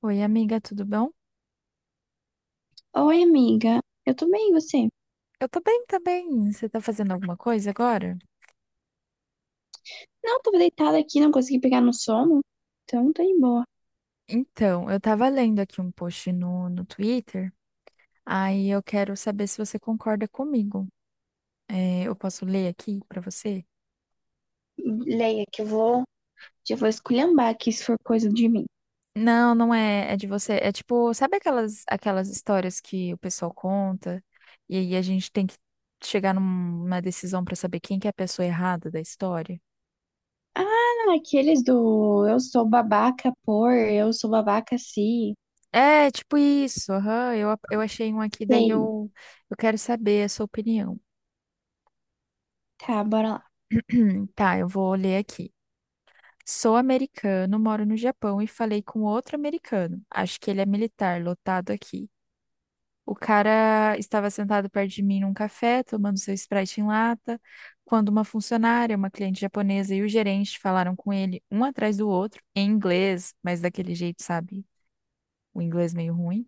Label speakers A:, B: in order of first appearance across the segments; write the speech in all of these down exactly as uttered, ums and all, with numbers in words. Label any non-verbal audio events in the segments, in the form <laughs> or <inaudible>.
A: Oi, amiga, tudo bom?
B: Oi, amiga. Eu tô bem, e você?
A: Eu tô bem também. Você tá fazendo alguma coisa agora?
B: Não, tava deitada aqui, não consegui pegar no sono. Então, tá de boa.
A: Então, eu tava lendo aqui um post no, no Twitter, aí eu quero saber se você concorda comigo. É, eu posso ler aqui pra você?
B: Leia, que eu vou. Já vou esculhambar aqui se for coisa de mim.
A: Não, não é, é de você. É tipo, sabe aquelas, aquelas histórias que o pessoal conta e aí a gente tem que chegar numa decisão pra saber quem que é a pessoa errada da história?
B: Ah, aqueles do eu sou babaca por, eu sou babaca se.
A: É, tipo isso. Aham, eu, eu achei um aqui, daí
B: Sei.
A: eu, eu quero saber a sua opinião.
B: Tá, bora lá.
A: <clears throat> Tá, eu vou ler aqui. Sou americano, moro no Japão e falei com outro americano. Acho que ele é militar, lotado aqui. O cara estava sentado perto de mim num café, tomando seu Sprite em lata, quando uma funcionária, uma cliente japonesa e o gerente falaram com ele, um atrás do outro, em inglês, mas daquele jeito, sabe? O inglês meio ruim.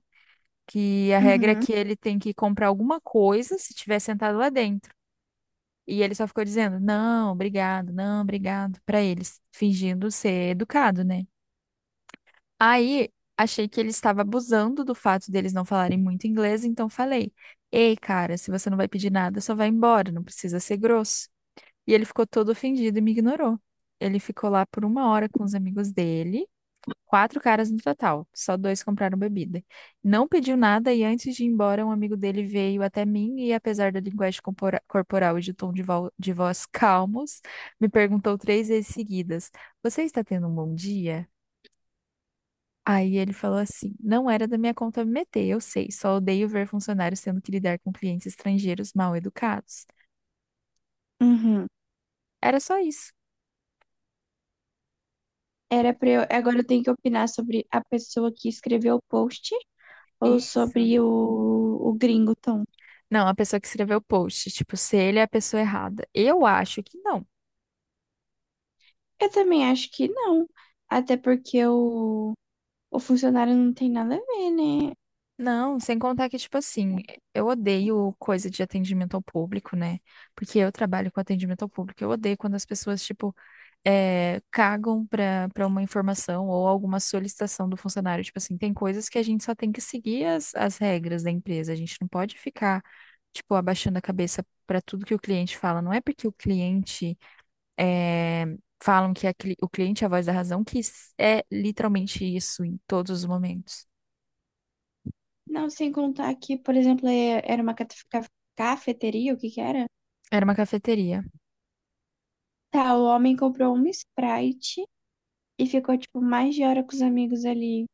A: Que a regra é
B: Uhum,
A: que ele tem que comprar alguma coisa se estiver sentado lá dentro. E ele só ficou dizendo, não, obrigado, não, obrigado, pra eles, fingindo ser educado, né? Aí achei que ele estava abusando do fato deles não falarem muito inglês, então falei, ei, cara, se você não vai pedir nada, só vai embora, não precisa ser grosso. E ele ficou todo ofendido e me ignorou. Ele ficou lá por uma hora com os amigos dele. Quatro caras no total, só dois compraram bebida. Não pediu nada e antes de ir embora, um amigo dele veio até mim e, apesar da linguagem compora- corporal e de tom de, vo- de voz <laughs> calmos, me perguntou três vezes seguidas: Você está tendo um bom dia? Aí ele falou assim: Não era da minha conta me meter, eu sei, só odeio ver funcionários tendo que lidar com clientes estrangeiros mal educados.
B: uhum.
A: Era só isso.
B: Era pra eu. Agora eu tenho que opinar sobre a pessoa que escreveu o post ou
A: Isso.
B: sobre o, o gringo Tom.
A: Não, a pessoa que escreveu o post, tipo, se ele é a pessoa errada. Eu acho que não.
B: Eu também acho que não. Até porque o. O funcionário não tem nada a ver, né?
A: Não, sem contar que, tipo assim, eu odeio coisa de atendimento ao público, né? Porque eu trabalho com atendimento ao público. Eu odeio quando as pessoas, tipo, eh, cagam pra, pra uma informação ou alguma solicitação do funcionário. Tipo assim, tem coisas que a gente só tem que seguir as, as regras da empresa. A gente não pode ficar, tipo, abaixando a cabeça pra tudo que o cliente fala. Não é porque o cliente eh, falam que a cli- o cliente é a voz da razão, que s- é literalmente isso em todos os momentos.
B: Não, sem contar que, por exemplo, é- era uma cate- ca- cafeteria, o que que era?
A: Era uma cafeteria.
B: Tá, o homem comprou uma Sprite e ficou, tipo, mais de hora com os amigos ali.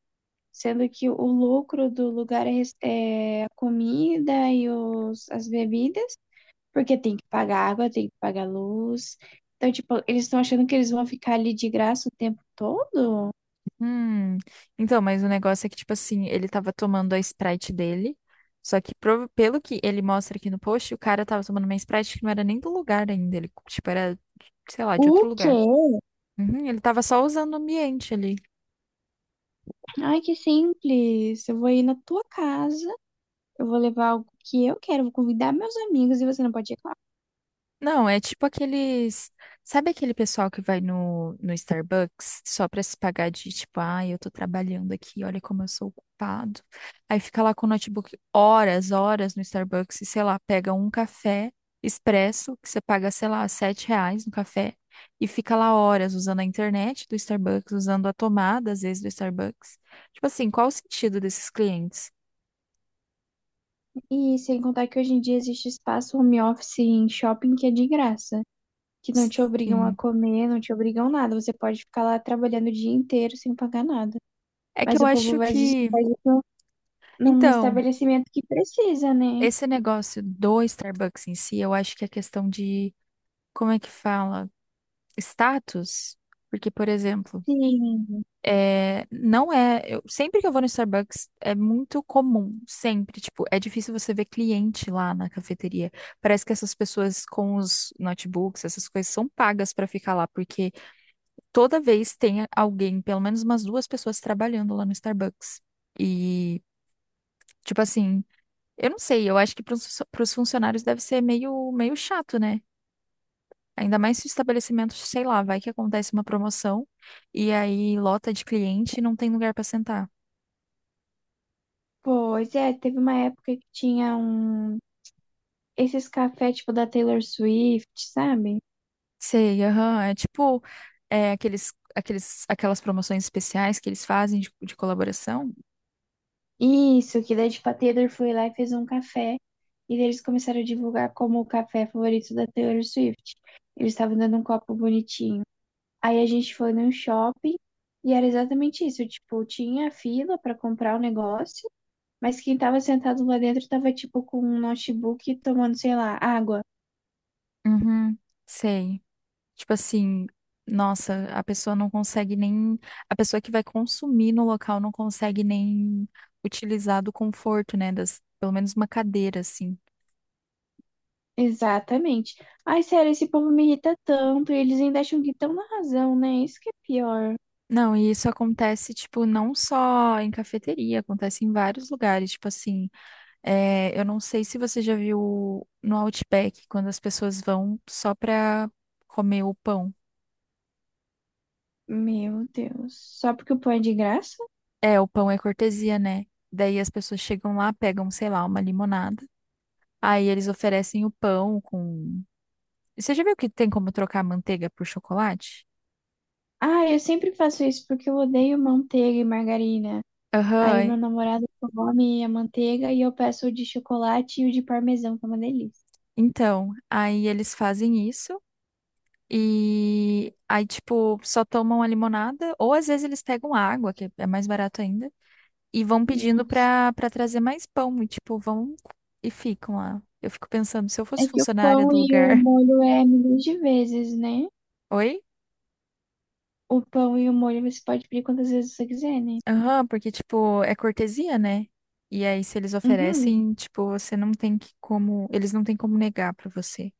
B: Sendo que o lucro do lugar é, res- é a comida e os, as bebidas, porque tem que pagar água, tem que pagar luz. Então, tipo, eles estão achando que eles vão ficar ali de graça o tempo todo?
A: Hum. Então, mas o negócio é que, tipo assim, ele tava tomando a Sprite dele. Só que, prova- pelo que ele mostra aqui no post, o cara tava tomando uma Sprite que não era nem do lugar ainda. Ele, tipo, era, sei lá, de outro
B: O
A: lugar.
B: quê?
A: Uhum, ele tava só usando o ambiente ali.
B: Ai, que simples. Eu vou ir na tua casa. Eu vou levar algo que eu quero, vou convidar meus amigos e você não pode ir, claro.
A: Não, é tipo aqueles. Sabe aquele pessoal que vai no, no Starbucks só pra se pagar de tipo, ah, eu tô trabalhando aqui, olha como eu sou ocupado. Aí fica lá com o notebook horas, horas no Starbucks e sei lá, pega um café expresso, que você paga, sei lá, sete reais no café, e fica lá horas usando a internet do Starbucks, usando a tomada, às vezes, do Starbucks. Tipo assim, qual o sentido desses clientes?
B: E sem contar que hoje em dia existe espaço home office em shopping que é de graça, que não te obrigam a
A: Sim.
B: comer, não te obrigam nada. Você pode ficar lá trabalhando o dia inteiro sem pagar nada.
A: É que
B: Mas
A: eu
B: o povo
A: acho
B: faz isso,
A: que.
B: faz isso num
A: Então.
B: estabelecimento que precisa, né?
A: Esse negócio do Starbucks em si, eu acho que é questão de, como é que fala? Status. Porque, por exemplo,
B: Sim,
A: é, não é. Eu- sempre que eu vou no Starbucks, é muito comum, sempre. Tipo, é difícil você ver cliente lá na cafeteria. Parece que essas pessoas com os notebooks, essas coisas, são pagas pra ficar lá, porque toda vez tem alguém, pelo menos umas duas pessoas trabalhando lá no Starbucks. E, tipo assim, eu não sei, eu acho que para os funcionários deve ser meio, meio chato, né? Ainda mais se o estabelecimento, sei lá, vai que acontece uma promoção e aí lota de cliente e não tem lugar para sentar.
B: pois é, teve uma época que tinha um esses cafés tipo da Taylor Swift, sabe?
A: Sei, aham, é tipo é, aqueles, aqueles, aquelas promoções especiais que eles fazem de, de colaboração.
B: Isso, que daí, tipo, a Taylor foi lá e fez um café. E daí eles começaram a divulgar como o café favorito da Taylor Swift. Eles estavam dando um copo bonitinho. Aí a gente foi num shopping e era exatamente isso. Tipo, tinha fila para comprar o negócio, mas quem tava sentado lá dentro tava, tipo, com um notebook tomando, sei lá, água.
A: Uhum, sei. Tipo assim, nossa, a pessoa não consegue nem. A pessoa que vai consumir no local não consegue nem utilizar do conforto, né? Das, pelo menos uma cadeira, assim.
B: Exatamente. Ai, sério, esse povo me irrita tanto. E eles ainda acham que estão na razão, né? Isso que é pior.
A: Não, e isso acontece, tipo, não só em cafeteria, acontece em vários lugares. Tipo assim, é, eu não sei se você já viu no Outback, quando as pessoas vão só pra comer o pão.
B: Meu Deus. Só porque o pão é de graça?
A: É, o pão é cortesia, né? Daí as pessoas chegam lá, pegam, sei lá, uma limonada. Aí eles oferecem o pão com. Você já viu que tem como trocar manteiga por chocolate?
B: Ah, eu sempre faço isso porque eu odeio manteiga e margarina. Aí meu
A: Aham.
B: namorado come a manteiga e eu peço o de chocolate e o de parmesão, que é uma delícia.
A: Então, aí eles fazem isso e aí, tipo, só tomam a limonada, ou às vezes eles pegam água, que é mais barato ainda, e vão pedindo
B: Nossa.
A: pra, pra trazer mais pão. E, tipo, vão e ficam lá. Eu fico pensando, se eu
B: É
A: fosse
B: que o
A: funcionária
B: pão
A: do
B: e o
A: lugar.
B: molho é milhões de vezes, né?
A: <laughs> Oi?
B: O pão e o molho você pode pedir quantas vezes você quiser, né?
A: Aham, porque, tipo, é cortesia, né? E aí, se eles
B: Uhum.
A: oferecem, tipo, você não tem que como. Eles não têm como negar pra você.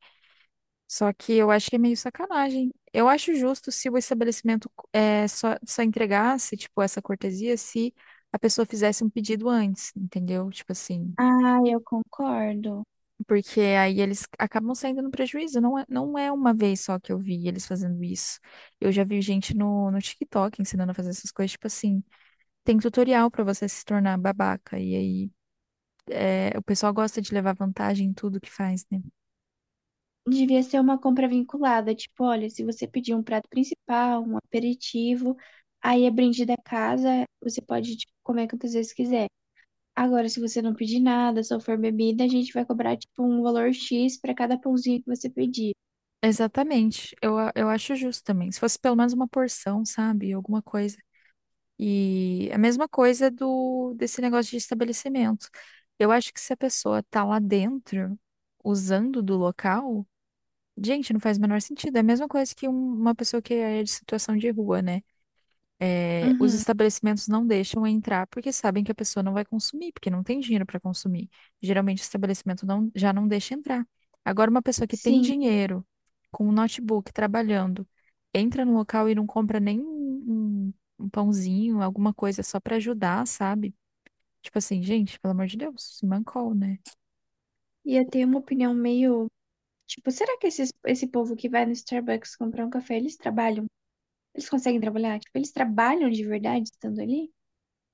A: Só que eu acho que é meio sacanagem. Eu acho justo se o estabelecimento é, só, só entregasse, tipo, essa cortesia se a pessoa fizesse um pedido antes, entendeu? Tipo assim,
B: Ah, eu concordo.
A: porque aí eles acabam saindo no prejuízo. Não é, não é uma vez só que eu vi eles fazendo isso. Eu já vi gente no, no TikTok ensinando a fazer essas coisas, tipo assim, tem tutorial pra você se tornar babaca. E aí é, o pessoal gosta de levar vantagem em tudo que faz, né?
B: Devia ser uma compra vinculada, tipo, olha, se você pedir um prato principal, um aperitivo, aí é brinde da casa, você pode, tipo, comer quantas vezes quiser. Agora, se você não pedir nada, só for bebida, a gente vai cobrar tipo um valor X pra cada pãozinho que você pedir.
A: Exatamente. Eu, a- eu acho justo também. Se fosse pelo menos uma porção, sabe? Alguma coisa. E a mesma coisa do desse negócio de estabelecimento. Eu acho que se a pessoa tá lá dentro, usando do local, gente, não faz o menor sentido. É a mesma coisa que um- uma pessoa que é de situação de rua, né? É, os
B: Uhum.
A: estabelecimentos não deixam entrar porque sabem que a pessoa não vai consumir, porque não tem dinheiro para consumir. Geralmente o estabelecimento não, já não deixa entrar. Agora, uma pessoa que tem
B: Sim,
A: dinheiro, com um notebook, trabalhando, entra no local e não compra nem um, um um pãozinho, alguma coisa só para ajudar, sabe? Tipo assim, gente, pelo amor de Deus, se mancou, né?
B: e eu tenho uma opinião meio. Tipo, será que esses, esse povo que vai no Starbucks comprar um café, eles trabalham? Eles conseguem trabalhar? Tipo, eles trabalham de verdade estando ali?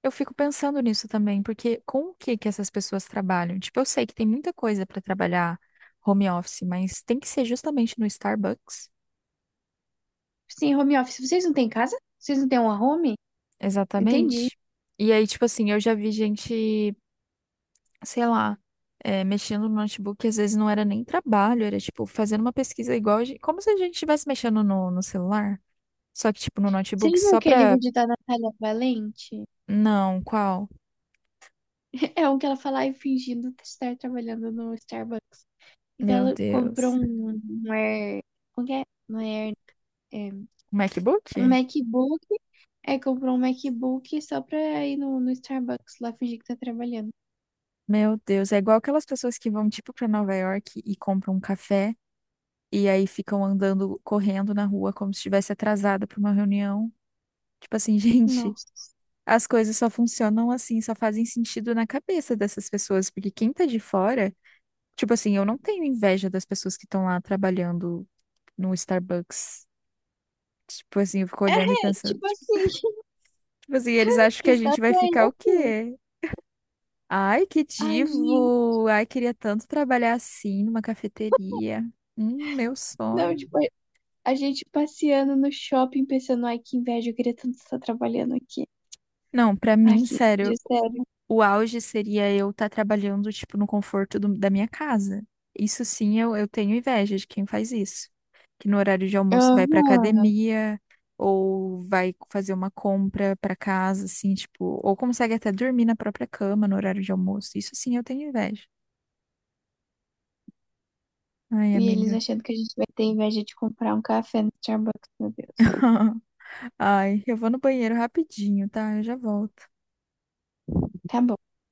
A: Eu fico pensando nisso também, porque com o que que essas pessoas trabalham? Tipo, eu sei que tem muita coisa para trabalhar home office, mas tem que ser justamente no Starbucks.
B: Sim, home office. Vocês não têm casa? Vocês não têm uma home? Entendi.
A: Exatamente. E aí, tipo assim, eu já vi gente, sei lá, é, mexendo no notebook, às vezes não era nem trabalho, era tipo fazendo uma pesquisa igual, a gen- como se a gente estivesse mexendo no, no celular, só que tipo no
B: Você já
A: notebook,
B: viu
A: só
B: aquele
A: pra.
B: livro de da Natália Valente?
A: Não, qual?
B: <laughs> É um que ela fala, ai, fingindo estar trabalhando no Starbucks. Então
A: Meu
B: ela comprou
A: Deus.
B: um, um Air. Como que é? Não é Air, é,
A: MacBook?
B: um MacBook. Aí comprou um MacBook só pra ir no, no Starbucks lá fingir que tá trabalhando.
A: Meu Deus, é igual aquelas pessoas que vão tipo pra Nova York e compram um café e aí ficam andando, correndo na rua como se estivesse atrasada pra uma reunião. Tipo assim, <laughs> gente.
B: Nossa.
A: As coisas só funcionam assim, só fazem sentido na cabeça dessas pessoas, porque quem tá de fora, tipo assim, eu não tenho inveja das pessoas que estão lá trabalhando no Starbucks. Tipo assim, eu fico
B: É,
A: olhando e pensando,
B: tipo
A: tipo,
B: assim, <laughs>
A: tipo assim, eles acham
B: que
A: que a
B: está
A: gente vai
B: saindo
A: ficar o
B: assim.
A: quê? Ai, que
B: Ai, gente.
A: divo! Ai, queria tanto trabalhar assim numa cafeteria. Hum, meu
B: Não,
A: sonho.
B: tipo, a gente passeando no shopping pensando, ai, que inveja, eu queria tanto estar trabalhando aqui.
A: Não, pra
B: Ai,
A: mim,
B: que
A: sério,
B: inveja, sério.
A: o auge seria eu estar trabalhando, tipo, no conforto do- da minha casa. Isso sim, eu, eu tenho inveja de quem faz isso. Que no horário de almoço vai pra
B: Aham.
A: academia ou vai fazer uma compra pra casa, assim, tipo, ou consegue até dormir na própria cama no horário de almoço. Isso sim, eu tenho inveja. Ai,
B: E eles
A: amiga.
B: achando que a gente vai ter inveja de comprar um café no Starbucks, meu Deus.
A: <laughs> Ai, eu vou no banheiro rapidinho, tá? Eu já volto.
B: Tá bom.